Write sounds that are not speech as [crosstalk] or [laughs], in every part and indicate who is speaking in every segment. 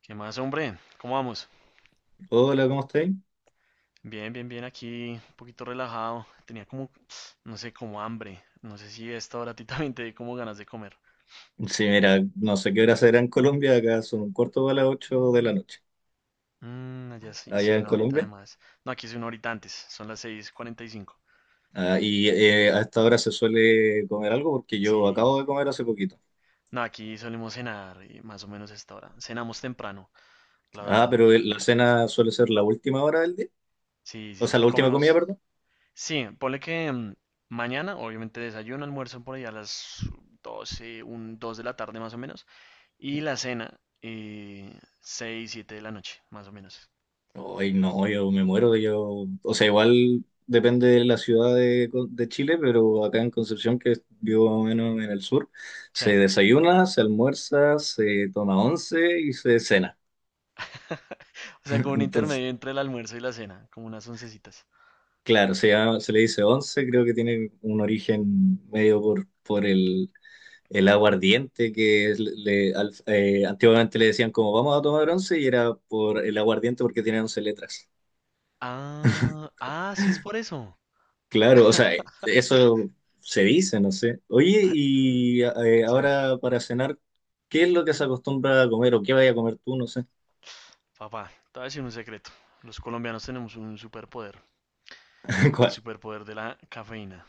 Speaker 1: ¿Qué más, hombre? ¿Cómo vamos?
Speaker 2: Hola, ¿cómo estáis?
Speaker 1: Bien, bien, bien, aquí, un poquito relajado. Tenía como, no sé, como hambre. No sé si a esta hora a ti [laughs] también te di como ganas de comer.
Speaker 2: Sí, mira, no sé qué hora será en Colombia, acá son un cuarto para las 8 de la noche,
Speaker 1: Mm, allá sí, sí,
Speaker 2: allá en
Speaker 1: una horita de
Speaker 2: Colombia.
Speaker 1: más. No, aquí es una horita antes, son las 6:45.
Speaker 2: Ah, y a esta hora se suele comer algo porque yo
Speaker 1: Sí,
Speaker 2: acabo de comer hace poquito.
Speaker 1: no, aquí solemos cenar más o menos a esta hora. Cenamos temprano, la
Speaker 2: Ah,
Speaker 1: verdad.
Speaker 2: pero la cena suele ser la última hora del día,
Speaker 1: Sí, sí,
Speaker 2: o sea,
Speaker 1: sí.
Speaker 2: la última comida,
Speaker 1: Comimos.
Speaker 2: perdón.
Speaker 1: Sí, ponle que mañana, obviamente desayuno, almuerzo por ahí a las 12, un 2 de la tarde más o menos. Y la cena, 6, 7 de la noche, más o menos.
Speaker 2: Hoy no, yo me muero, yo, o sea, igual depende de la ciudad de Chile, pero acá en Concepción, que vivo más o menos en el sur,
Speaker 1: O
Speaker 2: se
Speaker 1: sea,
Speaker 2: desayuna, se almuerza, se toma once y se cena.
Speaker 1: [laughs] o sea, como
Speaker 2: [laughs]
Speaker 1: un
Speaker 2: Entonces.
Speaker 1: intermedio entre el almuerzo y la cena, como unas oncecitas.
Speaker 2: Claro, se le dice once, creo que tiene un origen medio por el aguardiente, que es- le, al- antiguamente le decían como vamos a tomar once y era por el aguardiente porque tiene 11 letras.
Speaker 1: Ah, ah, sí es por eso.
Speaker 2: Claro, o sea, eso se dice, no sé. Oye, y
Speaker 1: Sí.
Speaker 2: ahora para cenar, ¿qué es lo que se acostumbra a comer o qué vaya a comer tú? No sé.
Speaker 1: Papá, te voy a decir un secreto. Los colombianos tenemos un superpoder,
Speaker 2: [laughs]
Speaker 1: el
Speaker 2: ¿Cuál?
Speaker 1: superpoder de la cafeína.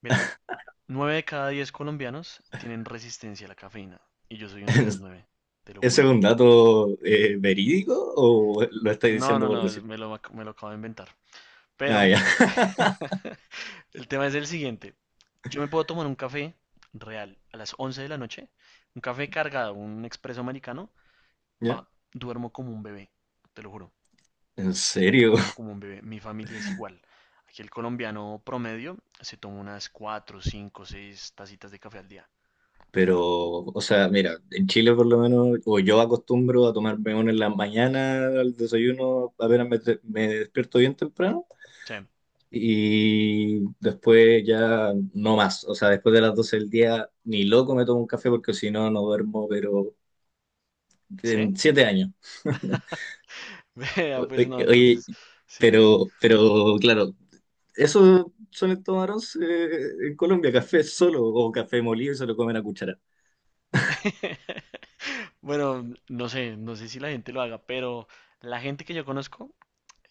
Speaker 1: Mira, 9 de cada 10 colombianos tienen resistencia a la cafeína. Y yo soy uno de esos nueve, te lo
Speaker 2: ¿Ese es
Speaker 1: juro.
Speaker 2: un dato verídico o lo estáis
Speaker 1: No,
Speaker 2: diciendo
Speaker 1: no,
Speaker 2: por
Speaker 1: no,
Speaker 2: decir?
Speaker 1: me lo acabo de inventar.
Speaker 2: Ah,
Speaker 1: Pero…
Speaker 2: ya. [laughs]
Speaker 1: [laughs] El tema es el siguiente. Yo me puedo tomar un café real a las 11 de la noche, un café cargado, un expreso americano,
Speaker 2: ¿Ya?
Speaker 1: pa, duermo como un bebé, te lo juro,
Speaker 2: ¿En serio?
Speaker 1: duermo como un bebé. Mi familia es igual. Aquí el colombiano promedio se toma unas 4, 5, 6 tacitas de café al día.
Speaker 2: Pero, o sea, mira, en Chile por lo menos, o yo acostumbro a tomarme uno en la mañana al desayuno, apenas me despierto bien temprano,
Speaker 1: Sí,
Speaker 2: y después ya no más. O sea, después de las 12 del día, ni loco me tomo un café porque si no, no duermo, pero
Speaker 1: ¿sí?
Speaker 2: en 7 años. [laughs]
Speaker 1: [laughs] Vea,
Speaker 2: O-
Speaker 1: pues no,
Speaker 2: Oye,
Speaker 1: entonces, sí, sí.
Speaker 2: pero claro, eso suelen tomar once en Colombia, café solo o café molido y se lo comen a cuchara.
Speaker 1: Sí. [laughs] Bueno, no sé si la gente lo haga, pero la gente que yo conozco,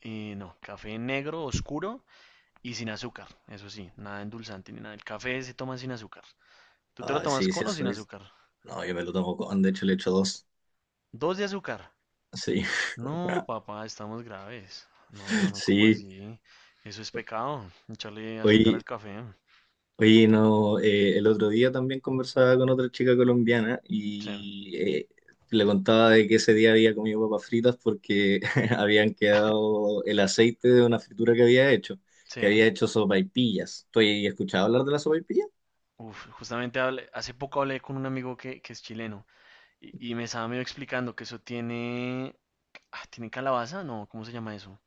Speaker 1: no, café negro, oscuro, y sin azúcar, eso sí, nada endulzante ni nada. El café se toma sin azúcar. ¿Tú te lo
Speaker 2: Ah,
Speaker 1: tomas
Speaker 2: sí, sí,
Speaker 1: con o
Speaker 2: eso.
Speaker 1: sin azúcar?
Speaker 2: No, yo me lo tomo con, de hecho le echo dos.
Speaker 1: Dos de azúcar.
Speaker 2: Sí,
Speaker 1: No, papá, estamos graves. No, no,
Speaker 2: [laughs]
Speaker 1: no, ¿cómo
Speaker 2: sí.
Speaker 1: así? Eso es pecado, echarle azúcar
Speaker 2: Oye,
Speaker 1: al café.
Speaker 2: oye, no, el otro día también conversaba con otra chica colombiana
Speaker 1: Sí,
Speaker 2: y le contaba de que ese día había comido papas fritas porque [laughs] habían quedado el aceite de una fritura
Speaker 1: sí.
Speaker 2: que había hecho sopaipillas. ¿Tú has escuchado hablar de la sopaipilla?
Speaker 1: Uf, justamente hace poco hablé con un amigo que es chileno y me estaba medio explicando que eso tiene… Ah, ¿tiene calabaza? No, ¿cómo se llama eso?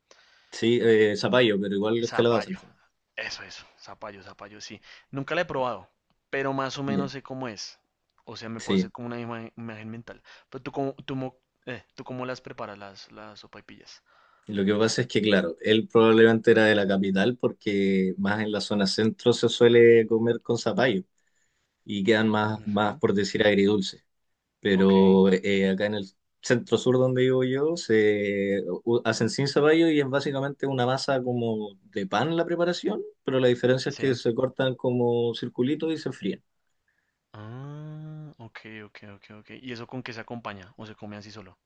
Speaker 2: Sí, zapallo, pero igual es calabaza al
Speaker 1: Zapallo.
Speaker 2: final.
Speaker 1: Eso, eso. Zapallo, zapallo, sí. Nunca la he probado, pero más o
Speaker 2: Ya.
Speaker 1: menos sé cómo es. O sea, me puedo
Speaker 2: Sí.
Speaker 1: hacer como una imagen mental. Pero, ¿tú cómo las preparas las, sopaipillas?
Speaker 2: Lo que pasa es que, claro, él probablemente era de la capital porque más en la zona centro se suele comer con zapallo y quedan más, más
Speaker 1: Ujú,
Speaker 2: por decir, agridulces.
Speaker 1: ok,
Speaker 2: Pero acá en el centro sur donde vivo yo se hacen sin zapallo y es básicamente una masa como de pan la preparación, pero la diferencia es que
Speaker 1: sí.
Speaker 2: se cortan como circulitos y se fríen.
Speaker 1: Ah, ok, ok, ok, ok. ¿Y eso con qué se acompaña? ¿O se come así solo?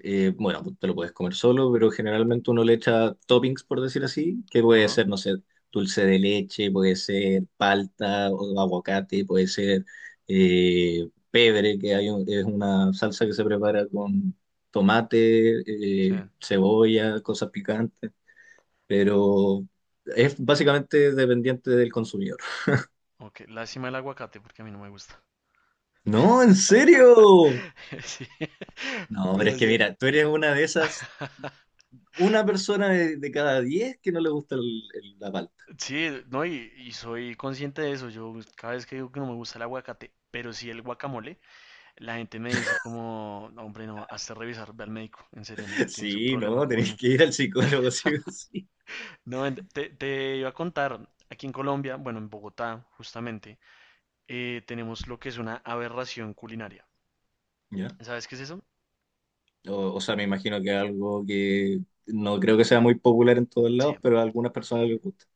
Speaker 2: Bueno, tú te lo puedes comer solo, pero generalmente uno le echa toppings, por decir así, que puede
Speaker 1: Ajá,
Speaker 2: ser, no sé, dulce de leche, puede ser palta o aguacate, puede ser pebre, que hay es una salsa que se prepara con tomate,
Speaker 1: sí.
Speaker 2: cebolla, cosas picantes, pero es básicamente dependiente del consumidor. [laughs]
Speaker 1: Ok, lástima el aguacate porque a mí no me gusta.
Speaker 2: No, ¿en
Speaker 1: [laughs]
Speaker 2: serio?
Speaker 1: Sí. [laughs]
Speaker 2: No, pero es que
Speaker 1: Gracias.
Speaker 2: mira, tú eres una de esas,
Speaker 1: [laughs]
Speaker 2: una persona de cada 10 que no le gusta la palta.
Speaker 1: Sí, no, y soy consciente de eso. Yo cada vez que digo que no me gusta el aguacate, pero sí el guacamole, la gente me dice como, "No, hombre, no, hazte revisar, ve al médico, en serio, tienes un
Speaker 2: Sí,
Speaker 1: problema
Speaker 2: no, tenés
Speaker 1: con…".
Speaker 2: que ir al psicólogo, [laughs] sí o sí.
Speaker 1: No, te iba a contar, aquí en Colombia, bueno, en Bogotá, justamente, tenemos lo que es una aberración culinaria.
Speaker 2: ¿Ya?
Speaker 1: ¿Sabes qué es eso?
Speaker 2: O sea, me imagino que es algo que no creo que sea muy popular en todos
Speaker 1: Sí.
Speaker 2: lados, pero a algunas personas les gusta.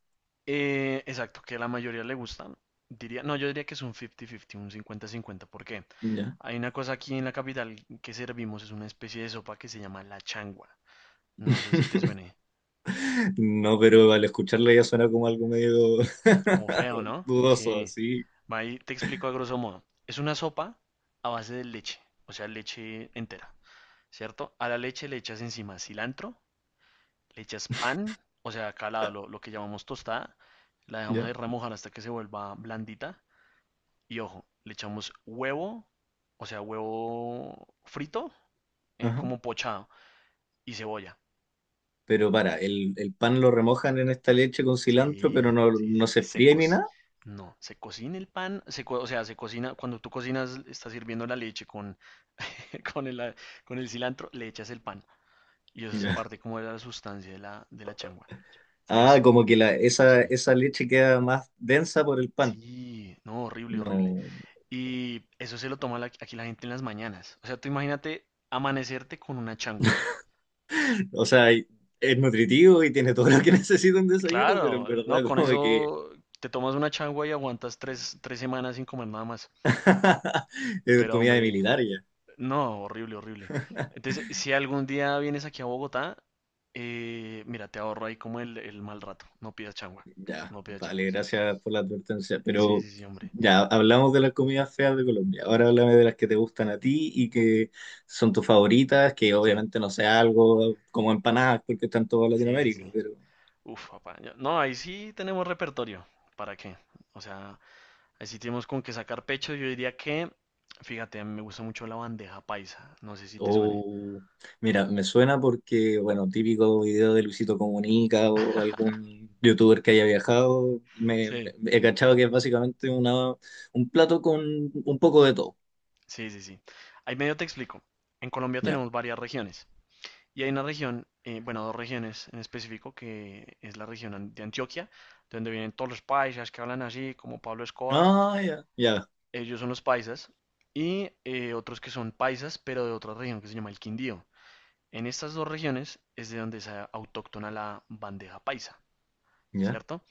Speaker 1: Exacto, que la mayoría le gustan. Diría, no, yo diría que es un 50-50, un cincuenta-cincuenta. ¿Por qué?
Speaker 2: ¿Ya?
Speaker 1: Hay una cosa aquí en la capital que servimos, es una especie de sopa que se llama la changua. No sé si te
Speaker 2: [laughs]
Speaker 1: suene
Speaker 2: No, pero al escucharla ya suena como algo medio
Speaker 1: como
Speaker 2: [laughs]
Speaker 1: feo, ¿no?
Speaker 2: dudoso,
Speaker 1: Sí.
Speaker 2: sí.
Speaker 1: Va, ahí te explico a grosso modo. Es una sopa a base de leche, o sea, leche entera, ¿cierto? A la leche le echas encima cilantro, le echas pan, o sea, acá lo que llamamos tostada, la dejamos ahí
Speaker 2: ¿Ya?
Speaker 1: remojar hasta que se vuelva blandita. Y ojo, le echamos huevo, o sea, huevo frito,
Speaker 2: Ajá.
Speaker 1: como pochado, y cebolla.
Speaker 2: Pero el pan lo remojan en esta leche con cilantro, pero
Speaker 1: Sí,
Speaker 2: no,
Speaker 1: sí, sí,
Speaker 2: no se
Speaker 1: se
Speaker 2: fríe
Speaker 1: co-
Speaker 2: ni nada.
Speaker 1: No, se cocina el pan, o sea, se cocina, cuando tú cocinas, estás sirviendo la leche [laughs] con el, a- con el cilantro, le echas el pan. Y eso hace
Speaker 2: Ya.
Speaker 1: parte como de la sustancia de la changua.
Speaker 2: Ah,
Speaker 1: Es,
Speaker 2: como que la, esa,
Speaker 1: sí,
Speaker 2: esa leche queda más densa por el pan.
Speaker 1: sí, no, horrible, horrible.
Speaker 2: No.
Speaker 1: Y eso se lo toma aquí la gente en las mañanas. O sea, tú imagínate amanecerte con una changua.
Speaker 2: O sea, es nutritivo y tiene todo lo que [laughs] necesita un desayuno, pero en
Speaker 1: Claro, no,
Speaker 2: verdad
Speaker 1: con
Speaker 2: como que
Speaker 1: eso te tomas una changua y aguantas tres semanas sin comer nada más.
Speaker 2: [laughs] es
Speaker 1: Pero
Speaker 2: comida de
Speaker 1: hombre,
Speaker 2: militar ya.
Speaker 1: no, horrible, horrible. Entonces, si algún día vienes aquí a Bogotá, mira, te ahorro ahí como el mal rato. No pidas changua,
Speaker 2: Ya,
Speaker 1: no pidas
Speaker 2: vale,
Speaker 1: changua, sí.
Speaker 2: gracias por la advertencia.
Speaker 1: Sí,
Speaker 2: Pero
Speaker 1: sí, sí, hombre.
Speaker 2: ya, hablamos de las comidas feas de Colombia. Ahora háblame de las que te gustan a ti y que son tus favoritas, que
Speaker 1: Sí,
Speaker 2: obviamente no sea algo como empanadas porque están en toda
Speaker 1: sí, sí,
Speaker 2: Latinoamérica,
Speaker 1: sí.
Speaker 2: pero.
Speaker 1: Uf, papá. No, ahí sí tenemos repertorio. ¿Para qué? O sea, ahí sí tenemos con qué sacar pecho. Yo diría que, fíjate, a mí me gusta mucho la bandeja paisa. No sé si te suene.
Speaker 2: Oh, mira, me suena porque, bueno, típico video de Luisito Comunica o algún youtuber que haya viajado,
Speaker 1: Sí.
Speaker 2: he cachado que es básicamente un plato con un poco de todo.
Speaker 1: Sí, sí, sí. Ahí medio te explico. En Colombia
Speaker 2: Ya.
Speaker 1: tenemos varias regiones y hay una región, bueno, dos regiones en específico, que es la región de Antioquia, de donde vienen todos los paisas que hablan así, como Pablo Escobar,
Speaker 2: Ah, ya, ya,
Speaker 1: ellos son los paisas, y otros que son paisas, pero de otra región que se llama el Quindío. En estas dos regiones es de donde es autóctona la bandeja paisa,
Speaker 2: ya.
Speaker 1: ¿cierto?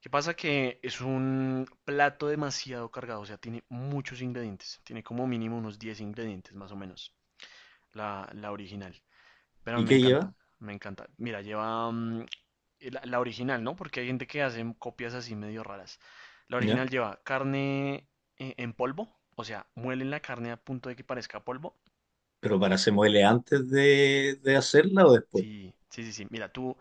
Speaker 1: ¿Qué pasa? Que es un plato demasiado cargado, o sea, tiene muchos ingredientes, tiene como mínimo unos 10 ingredientes más o menos. La original. Pero
Speaker 2: ¿Y
Speaker 1: me
Speaker 2: qué lleva?
Speaker 1: encanta, me encanta. Mira, lleva la original, ¿no? Porque hay gente que hace copias así medio raras. La
Speaker 2: Ya.
Speaker 1: original lleva carne en polvo, o sea, muelen la carne a punto de que parezca polvo.
Speaker 2: Pero para se muele antes de hacerla o después.
Speaker 1: Sí, sí, sí, sí. Mira, tú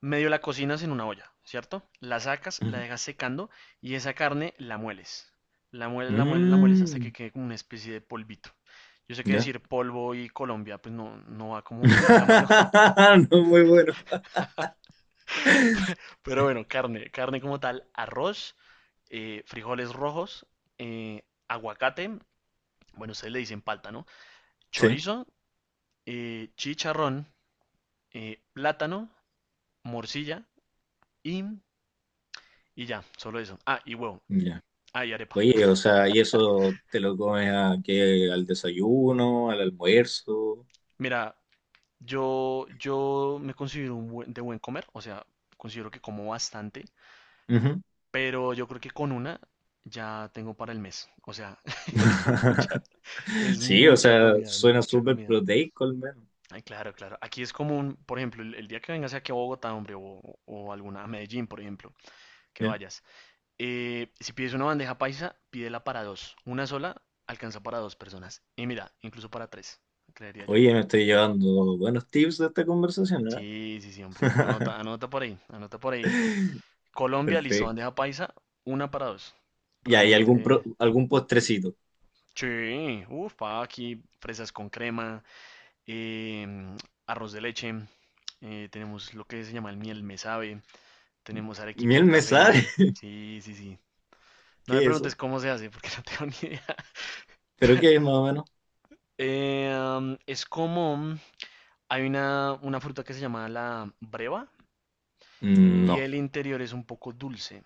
Speaker 1: medio la cocinas en una olla, ¿cierto? La sacas, la
Speaker 2: Ujú.
Speaker 1: dejas secando y esa carne la mueles. La mueles, la mueles, la mueles hasta que
Speaker 2: Mm,
Speaker 1: quede como una especie de polvito. Yo sé que
Speaker 2: ya.
Speaker 1: decir polvo y Colombia, pues no, no va como [laughs] de la mano.
Speaker 2: [laughs] No, muy bueno.
Speaker 1: Pero bueno, carne, carne como tal, arroz, frijoles rojos, aguacate, bueno, ustedes le dicen palta, ¿no?
Speaker 2: Sí,
Speaker 1: Chorizo, chicharrón, plátano, morcilla y, y ya, solo eso. Ah, y huevo.
Speaker 2: ya.
Speaker 1: Ah, y arepa.
Speaker 2: Oye, o sea, ¿y eso te lo comes a qué? ¿Al desayuno? ¿Al almuerzo?
Speaker 1: Mira, yo me considero un de buen comer, o sea, considero que como bastante,
Speaker 2: Ujú.
Speaker 1: pero yo creo que con una ya tengo para el mes. O sea, [laughs] es mucha,
Speaker 2: [laughs]
Speaker 1: es
Speaker 2: Sí, o
Speaker 1: mucha
Speaker 2: sea,
Speaker 1: comida,
Speaker 2: suena
Speaker 1: mucha
Speaker 2: súper
Speaker 1: comida.
Speaker 2: proteico al menos.
Speaker 1: Ay, claro, claro. Aquí es común, por ejemplo, el día que vengas aquí a Bogotá, hombre, o alguna, a Medellín, por ejemplo, que
Speaker 2: Ya.
Speaker 1: vayas. Si pides una bandeja paisa, pídela para dos. Una sola alcanza para dos personas. Y mira, incluso para tres, creería yo.
Speaker 2: Oye, me estoy llevando buenos tips de esta conversación, ¿eh?
Speaker 1: Sí, sí, sí, hombre. Anota,
Speaker 2: [laughs]
Speaker 1: anota por ahí, anota por ahí. Colombia, listo,
Speaker 2: Perfecto.
Speaker 1: bandeja paisa, una para dos.
Speaker 2: ¿Y hay algún, pro-
Speaker 1: Realmente,
Speaker 2: algún postrecito?
Speaker 1: sí, uff, pa, aquí, fresas con crema, em, arroz de leche, tenemos lo que se llama el miel me sabe. Tenemos arequipe
Speaker 2: ¿Miel
Speaker 1: de café.
Speaker 2: mesar? [laughs]
Speaker 1: Sí, sí, sí. No me
Speaker 2: ¿Qué es
Speaker 1: preguntes
Speaker 2: eso?
Speaker 1: cómo se hace, porque [laughs] no tengo ni idea.
Speaker 2: ¿Pero qué es más o menos?
Speaker 1: Es como, hay una fruta que se llama la breva
Speaker 2: Mm,
Speaker 1: y
Speaker 2: no,
Speaker 1: el interior es un poco dulce.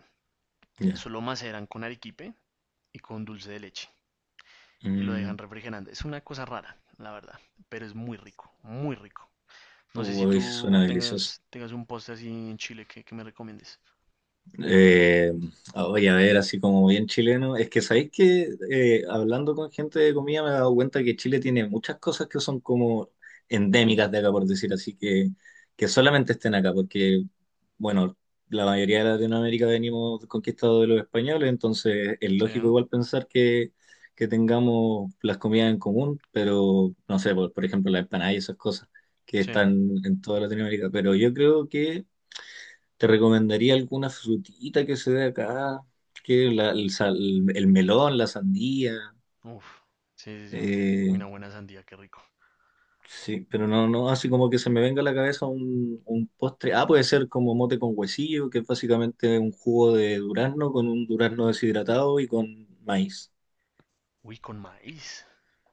Speaker 1: Eso
Speaker 2: ya.
Speaker 1: lo maceran con arequipe y con dulce de leche y lo dejan
Speaker 2: Mm,
Speaker 1: refrigerando. Es una cosa rara, la verdad, pero es muy rico, muy rico. No sé si
Speaker 2: uy, suena
Speaker 1: tú
Speaker 2: delicioso.
Speaker 1: tengas un postre así en Chile que me recomiendes.
Speaker 2: Eh, oye, a ver, así como bien chileno, es que sabéis que hablando con gente de comida me he dado cuenta que Chile tiene muchas cosas que son como endémicas de acá, por decir así, que, solamente estén acá, porque, bueno, la mayoría de Latinoamérica venimos conquistados de los españoles, entonces es
Speaker 1: Sí,
Speaker 2: lógico igual pensar que tengamos las comidas en común, pero no sé, por ejemplo, las empanadas y esas cosas que
Speaker 1: sí.
Speaker 2: están en toda Latinoamérica, pero yo creo que te recomendaría alguna frutita que se dé acá, que la- el, sal- el melón, la sandía,
Speaker 1: Uf, sí, sí, sí, uy,
Speaker 2: eh,
Speaker 1: una buena sandía, qué rico.
Speaker 2: sí, pero no, no, así como que se me venga a la cabeza un postre. Ah, puede ser como mote con huesillo, que es básicamente un jugo de durazno con un durazno deshidratado y con maíz.
Speaker 1: Uy, con maíz.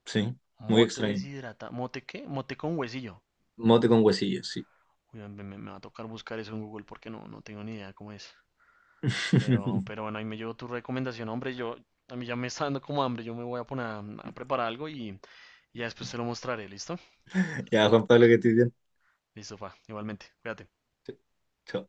Speaker 2: Sí, muy
Speaker 1: Mote
Speaker 2: extraño.
Speaker 1: deshidratado. ¿Mote qué? Mote con huesillo.
Speaker 2: Mote con huesillo, sí.
Speaker 1: Uy, me va a tocar buscar eso en Google porque no, no tengo ni idea cómo es. Pero,
Speaker 2: [laughs]
Speaker 1: pero bueno, ahí me llevo tu recomendación. Hombre, a mí ya me está dando como hambre. Yo me voy a poner a preparar algo y ya después te lo mostraré. ¿Listo?
Speaker 2: Ya, Juan Pablo, que estés bien.
Speaker 1: Listo, pa. Igualmente. Cuídate.
Speaker 2: Chao.